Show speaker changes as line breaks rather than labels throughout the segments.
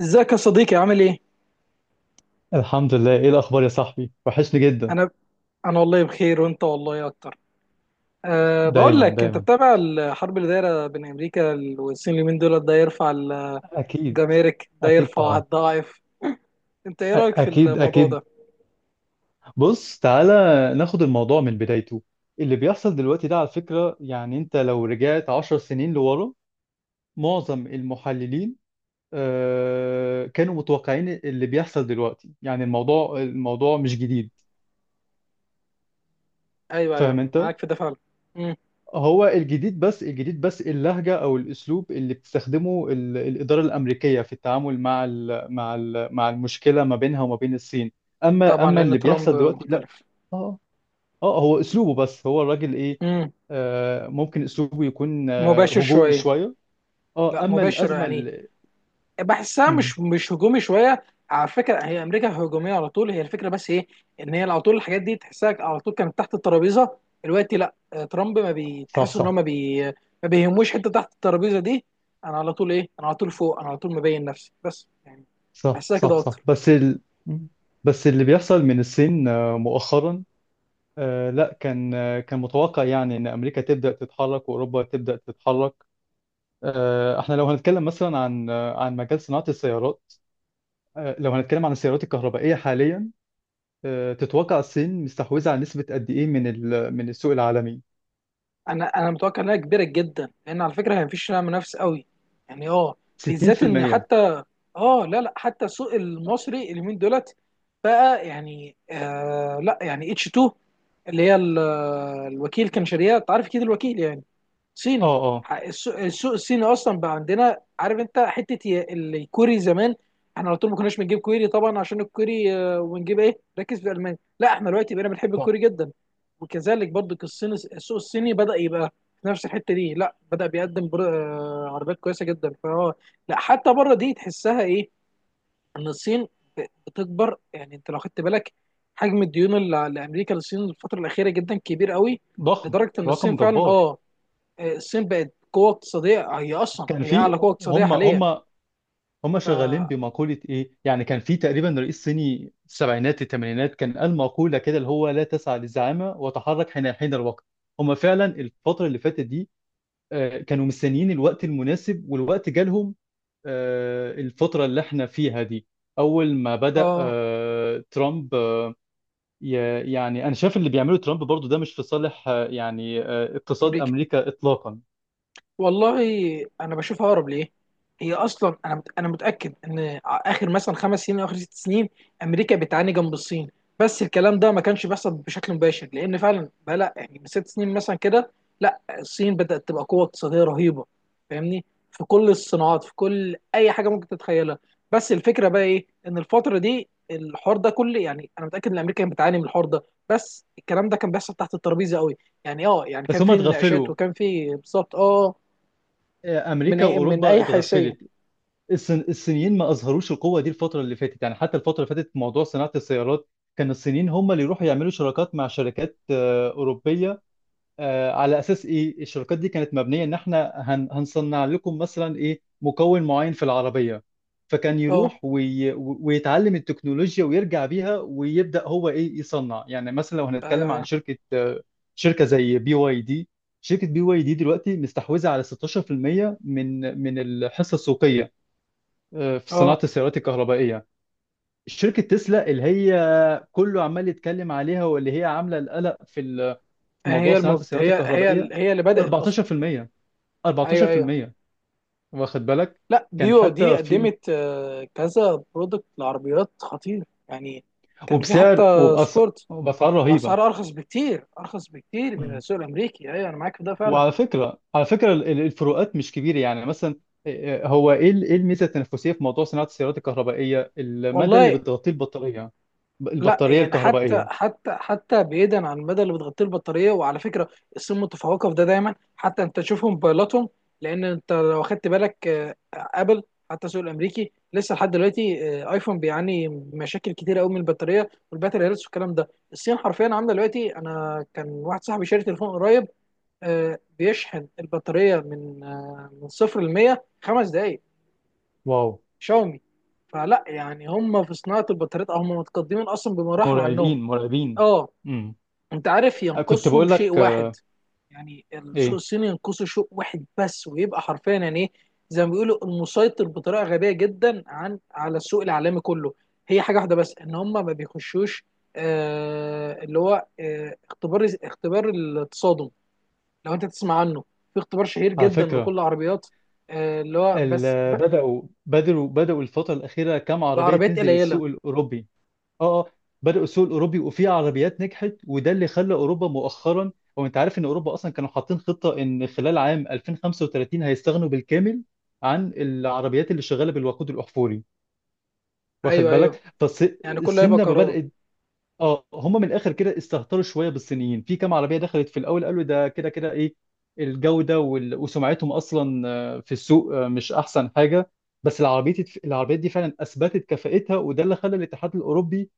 ازيك يا صديقي، عامل ايه؟
الحمد لله، ايه الاخبار يا صاحبي؟ وحشني جدا.
انا انا والله بخير، وانت والله اكتر. بقول
دايما
لك، انت
دايما.
بتابع الحرب اللي دايره بين امريكا والصين اليومين دول؟ ده يرفع
اكيد
الجمارك، ده
اكيد
يرفع
طبعا
الضعف. انت ايه رايك في
اكيد
الموضوع ده؟
اكيد. بص تعالى، ناخد الموضوع من بدايته. اللي بيحصل دلوقتي ده على فكرة، يعني انت لو رجعت 10 سنين لورا، معظم المحللين، كانوا متوقعين اللي بيحصل دلوقتي. يعني الموضوع مش جديد.
ايوه ايوه،
فاهم انت؟
معاك في ده فعلا. مم.
هو الجديد، بس اللهجة أو الأسلوب اللي بتستخدمه الإدارة الأمريكية في التعامل مع ال مع ال مع المشكلة ما بينها وما بين الصين. أما
طبعا
أما اللي
لان ترامب
بيحصل دلوقتي لا.
مختلف.
آه آه، هو أسلوبه، بس هو الراجل إيه.
مم.
ممكن أسلوبه يكون
مباشر
هجومي
شويه.
شوية.
لا
أما
مباشر
الأزمة
يعني،
اللي...
بحسها
مم،
مش هجومي شويه. على فكره هي امريكا هجوميه على طول، هي الفكره بس ايه؟ ان هي على طول الحاجات دي تحسها على طول كانت تحت الترابيزه. دلوقتي لا، ترامب ما
صح
بيتحس ان هو
صح
ما بي، ما بيهموش حته تحت الترابيزه دي. انا على طول ايه؟ انا على طول فوق، انا على طول مبين نفسي بس يعني،
صح.
بحسها
صح
كده
صح
اكتر.
بس مم. بس اللي بيحصل من الصين مؤخرا، لا، كان متوقع، يعني ان امريكا تبدا تتحرك واوروبا تبدا تتحرك. احنا لو هنتكلم مثلا عن مجال صناعة السيارات، لو هنتكلم عن السيارات الكهربائية حاليا، تتوقع الصين مستحوذة على نسبة قد ايه من السوق العالمي؟
انا متوقع انها كبيره جدا، لان على فكره هي مفيش لها منافس قوي يعني بالذات ان
60%.
حتى اه لا لا حتى السوق المصري اليومين دولت بقى يعني، لا يعني اتش 2، اللي هي الوكيل كان شاريها، انت عارف كده الوكيل يعني
اه
صيني.
اه،
السوق الصيني اصلا بقى عندنا، عارف انت حته الكوري زمان، احنا على طول ما كناش بنجيب كوري طبعا، عشان الكوري ونجيب ايه؟ ركز في المانيا. لا احنا دلوقتي بقينا بنحب
ضخم
الكوري جدا. وكذلك برضو الصين، السوق الصيني بدا يبقى في نفس الحته دي، لا بدا بيقدم عربيات كويسه جدا، فهو لا حتى بره دي تحسها ايه؟ ان الصين بتكبر يعني. انت لو خدت بالك حجم الديون اللي لامريكا للصين الفتره الاخيره جدا كبير قوي،
ضخم.
لدرجه ان
رقم
الصين فعلا
جبار.
الصين بقت قوه اقتصاديه، هي اصلا
كان
هي
في
اعلى قوه اقتصاديه
هم
حاليا.
هم هم شغالين
فا
بمقولة ايه، يعني كان في تقريبا رئيس صيني السبعينات الثمانينات كان قال مقولة كده اللي هو لا تسعى للزعامة وتحرك حين الوقت. هم فعلا الفترة اللي فاتت دي، كانوا مستنيين الوقت المناسب والوقت جالهم، الفترة اللي احنا فيها دي. أول ما بدأ
اه
ترامب يعني أنا شايف اللي بيعمله ترامب برضو ده مش في صالح يعني اقتصاد
امريكا،
أمريكا إطلاقا.
والله انا بشوفها اقرب ليه. هي اصلا انا انا متاكد ان اخر مثلا 5 سنين او اخر 6 سنين امريكا بتعاني جنب الصين، بس الكلام ده ما كانش بيحصل بشكل مباشر. لان فعلا بقى لا يعني من 6 سنين مثلا كده، لا الصين بدات تبقى قوه اقتصاديه رهيبه، فاهمني؟ في كل الصناعات، في كل اي حاجه ممكن تتخيلها. بس الفكره بقى ايه؟ ان الفتره دي الحوار ده كل، يعني انا متاكد ان امريكا كانت بتعاني من الحوار ده، بس الكلام ده كان بيحصل تحت الترابيزه قوي. يعني يعني
بس
كان
هما
في نقاشات،
اتغفلوا،
وكان في بالظبط من
أمريكا
أي من
وأوروبا
أي حيثية؟
اتغفلت. الصينيين ما أظهروش القوة دي الفترة اللي فاتت، يعني حتى الفترة اللي فاتت في موضوع صناعة السيارات كان الصينيين هم اللي يروحوا يعملوا شراكات مع شركات أوروبية، على اساس ايه؟ الشركات دي كانت مبنيه ان احنا هنصنع لكم مثلا ايه مكون معين في العربيه. فكان
أه
يروح ويتعلم التكنولوجيا ويرجع بيها ويبدا هو ايه يصنع. يعني مثلا لو
أيوه
هنتكلم عن
أيوه.
شركه شركه زي بي واي دي. شركه بي واي دي دلوقتي مستحوذه على 16% من الحصه السوقيه، في
أه
صناعه السيارات الكهربائيه. شركه تسلا اللي هي كله عمال يتكلم عليها، واللي هي عامله القلق في موضوع
هي
صناعة
المبت...
السيارات
هي هي ال-
الكهربائية،
هي اللي بدأت أصلا.
14%،
أيوه أيوه.
14%، واخد بالك.
لا
كان
بيو دي
حتى في
قدمت كذا برودكت لعربيات خطير يعني، كان في حتى سبورت،
وبأسعار رهيبة.
وأسعار أرخص بكتير أرخص بكتير من
مم.
السوق الأمريكي. أيوه أنا معاك في ده فعلا.
وعلى فكرة، على فكرة الفروقات مش كبيرة، يعني مثلا، إيه الميزة التنافسية في موضوع صناعة السيارات الكهربائية؟ المدى اللي
والله
بتغطيه البطارية،
لا
البطارية
يعني حتى
الكهربائية.
حتى حتى بعيدا عن المدى اللي بتغطيه البطاريه، وعلى فكره الصين متفوقه في ده دايما. حتى انت تشوف موبايلاتهم، لان انت لو خدت بالك ابل، حتى السوق الامريكي لسه لحد دلوقتي ايفون بيعاني مشاكل كتير قوي من البطاريه والباتري هيلث والكلام ده. الصين حرفيا عامله دلوقتي، انا كان واحد صاحبي شاري تليفون قريب بيشحن البطاريه من من 0 ل 100 5 دقائق.
واو.
شاومي. فلا يعني هم في صناعه البطاريات، او هم متقدمين اصلا بمراحل عنهم.
مرعبين مرعبين.
اه،
امم
انت عارف
كنت
ينقصهم
بقول
شيء
لك
واحد؟ يعني السوق
ايه،
الصيني ينقصه شيء واحد بس، ويبقى حرفيا يعني ايه، زي ما بيقولوا، المسيطر بطريقه غبيه جدا عن على السوق العالمي كله. هي حاجه واحده بس، ان هم ما بيخشوش اللي هو اختبار التصادم. لو انت تسمع عنه، في اختبار شهير
على
جدا لكل
فكرة
العربيات، اللي هو بس
بدأوا الفترة الأخيرة كام عربية
بعربيات
تنزل
قليله.
السوق الأوروبي؟ اه اه. بدأوا السوق الأوروبي، وفي عربيات نجحت، وده اللي خلى أوروبا مؤخرا. هو أنت عارف إن أوروبا أصلا كانوا حاطين خطة إن خلال عام 2035 هيستغنوا بالكامل عن العربيات اللي شغالة بالوقود الأحفوري، واخد
ايوه
بالك؟
ايوه، يعني كله
فالصين
هيبقى
لما
كهرباء.
بدأت، اه، هم من الاخر كده استهتروا شويه بالصينيين في كام عربيه دخلت في الاول، قالوا ده كده كده ايه، الجوده وسمعتهم اصلا في السوق مش احسن حاجه. بس العربيات دي فعلا اثبتت كفاءتها، وده اللي خلى الاتحاد الاوروبي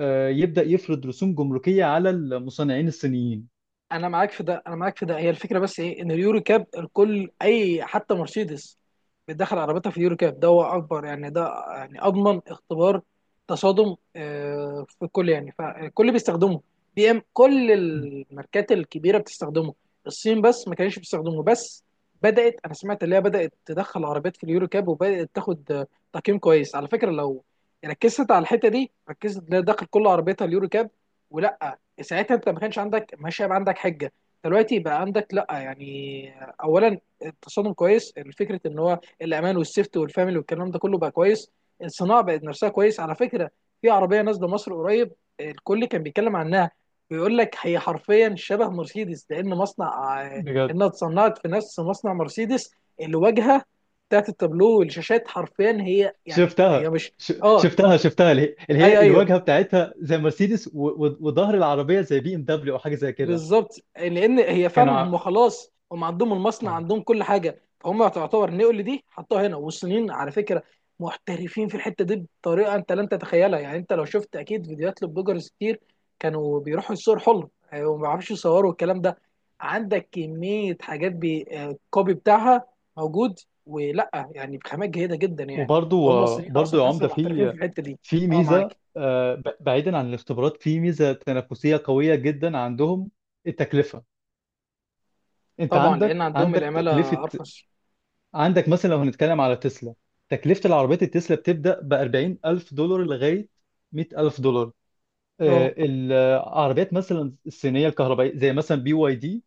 يبدا يفرض رسوم جمركيه على المصنعين الصينيين.
انا معاك في ده، انا معاك في ده. هي الفكره بس ايه؟ ان اليورو كاب الكل اي، حتى مرسيدس بتدخل عربيتها في اليورو كاب، ده هو اكبر يعني، ده يعني اضمن اختبار تصادم في الكل يعني، فالكل بيستخدمه. بي ام، كل الماركات الكبيره بتستخدمه، الصين بس ما كانش بيستخدمه. بس بدات، انا سمعت اللي هي بدات تدخل عربيات في اليورو كاب، وبدات تاخد تقييم كويس. على فكره لو ركزت على الحته دي، ركزت تلاقي داخل كل عربيتها اليورو كاب ولا؟ ساعتها انت ما كانش عندك ماشي، هيبقى عندك حجه. دلوقتي بقى عندك لا يعني. اولا، التصادم كويس، الفكره ان هو الامان والسيفت والفاميلي والكلام ده كله بقى كويس. الصناعه بقت نفسها كويس. على فكره في عربيه نازله مصر قريب، الكل كان بيتكلم عنها، بيقول لك هي حرفيا شبه مرسيدس، لان مصنع
بجد.
انها اتصنعت في نفس مصنع مرسيدس. الواجهه بتاعت التابلو والشاشات حرفيا هي يعني هي
شفتها.
مش. اه،
شفتها اللي هي
ايوه ايوه،
الواجهه بتاعتها زي مرسيدس، وظهر العربيه زي بي ام دبليو او حاجه زي كده.
بالظبط. لان هي فعلا،
كانوا...
هم خلاص، هم عندهم المصنع،
ع...
عندهم كل حاجه، فهم تعتبر نقل دي حطوها هنا. والصينيين على فكره محترفين في الحته دي بطريقه انت لن تتخيلها. يعني انت لو شفت اكيد فيديوهات لبلوجرز كتير، كانوا بيروحوا الصور حلو وما بيعرفوش يصوروا الكلام ده. عندك كميه حاجات بالكوبي بتاعها موجود، ولا يعني بخامات جيده جدا يعني.
وبرضو،
هم الصينيين
برضو
اصلا
يا
تحسهم
عمده،
محترفين في
في
الحته دي.
في
اه، معاك.
ميزه بعيدا عن الاختبارات، في ميزه تنافسيه قويه جدا عندهم: التكلفه. انت
طبعا لان عندهم
عندك
العماله
تكلفه،
ارخص.
عندك مثلا لو هنتكلم على تسلا، تكلفه العربيات التسلا بتبدا ب $40,000 لغايه $100,000.
اه
العربيات مثلا الصينيه الكهربائيه زي مثلا بي واي دي،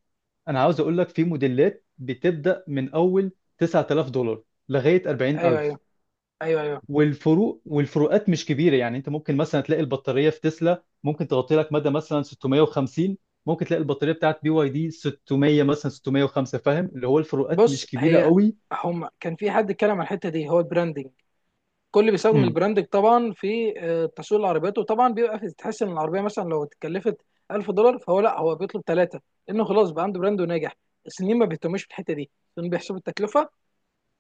انا عاوز اقول لك في موديلات بتبدا من اول $9,000 لغايه
ايوه
40,000.
ايوه ايوه ايوه.
والفروقات مش كبيره، يعني انت ممكن مثلا تلاقي البطاريه في تسلا ممكن تغطي لك مدى مثلا 650، ممكن تلاقي البطاريه بتاعت بي واي دي 600، مثلا 605. فاهم اللي هو الفروقات
بص،
مش كبيره
هي،
قوي.
هم كان في حد اتكلم عن الحته دي، هو البراندنج. كل بيستخدم
امم
البراندنج طبعا في تسويق العربيات، وطبعا بيبقى في، تحس ان العربيه مثلا لو اتكلفت 1000 دولار، فهو لا، هو بيطلب 3، لانه خلاص بقى عنده براند وناجح. الصينيين ما بيهتموش بالحته دي، لان بيحسبوا التكلفه،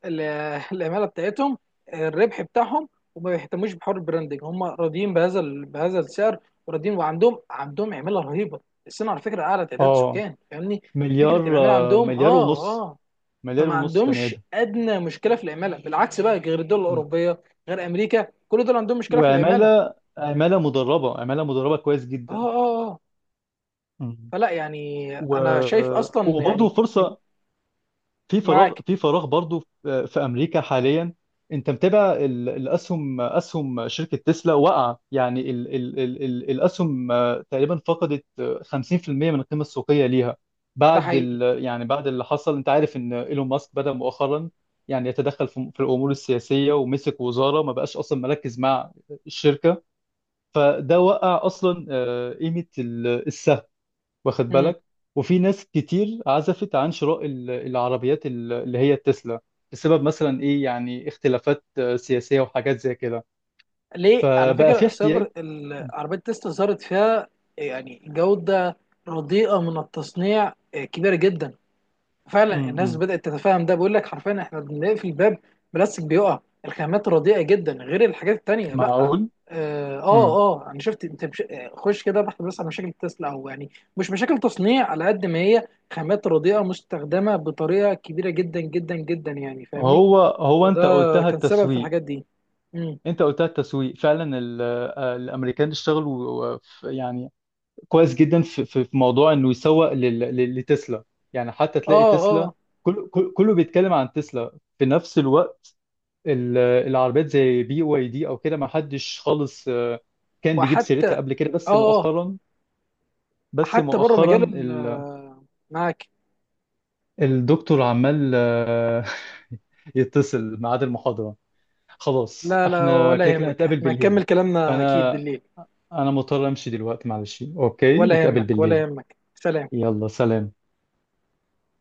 ال- العماله بتاعتهم، الربح بتاعهم، وما بيهتموش بحوار البراندنج. هم راضيين بهذا السعر، وراضيين، وعندهم عماله رهيبه. الصين على فكره اعلى تعداد
اه،
سكان، فاهمني؟ فكره العماله عندهم
مليار ونص مليار
فما
ونص بني
عندهمش
ادم.
ادنى مشكله في العماله، بالعكس بقى غير الدول
مم.
الاوروبيه، غير امريكا، كل دول عندهم مشكله في العماله.
عماله مدربه كويس
اه
جدا.
اه اه.
مم.
فلا يعني
و...
انا شايف اصلا
وبرضه
يعني من
فرصه، في فراغ،
معاك.
برضو في امريكا حاليا. انت متابع اسهم شركه تسلا؟ وقع يعني ال ال ال ال الاسهم تقريبا فقدت 50% من القيمه السوقيه ليها
ده
بعد
حقيقي.
ال يعني بعد اللي حصل. انت عارف ان ايلون ماسك بدأ مؤخرا يعني يتدخل في الامور السياسيه ومسك وزاره ما بقاش اصلا مركز مع الشركه، فده وقع اصلا قيمه السهم، واخد
مم.
بالك. وفي ناس كتير عزفت عن شراء العربيات اللي هي التسلا، بسبب مثلا ايه يعني اختلافات سياسية وحاجات زي كده.
ليه، على
فبقى
فكره
في
السايبر،
احتياج.
عربيه تسلا ظهرت فيها يعني جوده رديئه من التصنيع كبيره جدا. فعلا الناس
امم
بدأت تتفاهم. ده بيقول لك حرفيا احنا بنقفل الباب، بلاستيك بيقع. الخامات رديئة جدا، غير الحاجات التانية. لا
معقول. امم
اه، انا شفت، انت خش كده بحث بس عن مشاكل تسلا، او يعني مش مشاكل تصنيع على قد ما هي خامات رديئة مستخدمة بطريقة كبيرة جدا جدا جدا يعني، فاهمني؟
هو
فده
انت قلتها
كان سبب في
التسويق.
الحاجات دي. امم.
انت قلتها التسويق فعلا، الامريكان اشتغلوا يعني كويس جدا في في موضوع انه يسوق لتسلا. يعني حتى تلاقي
اه
تسلا،
اه.
كله بيتكلم عن تسلا في نفس الوقت. العربيات زي بي واي دي او كده ما حدش خالص كان بيجيب
وحتى
سيرتها قبل كده، بس
اه آه،
مؤخرا. بس
حتى بره مجال
مؤخرا
معاك.
الدكتور عمال يتصل ميعاد المحاضرة. خلاص
لا لا،
احنا
ولا
كده كده
يهمك،
هنتقابل
احنا
بالليل.
هنكمل كلامنا اكيد
فانا
بالليل.
انا مضطر امشي دلوقتي، معلش، اوكي،
ولا
نتقابل
يهمك، ولا
بالليل.
يهمك، سلام.
يلا سلام.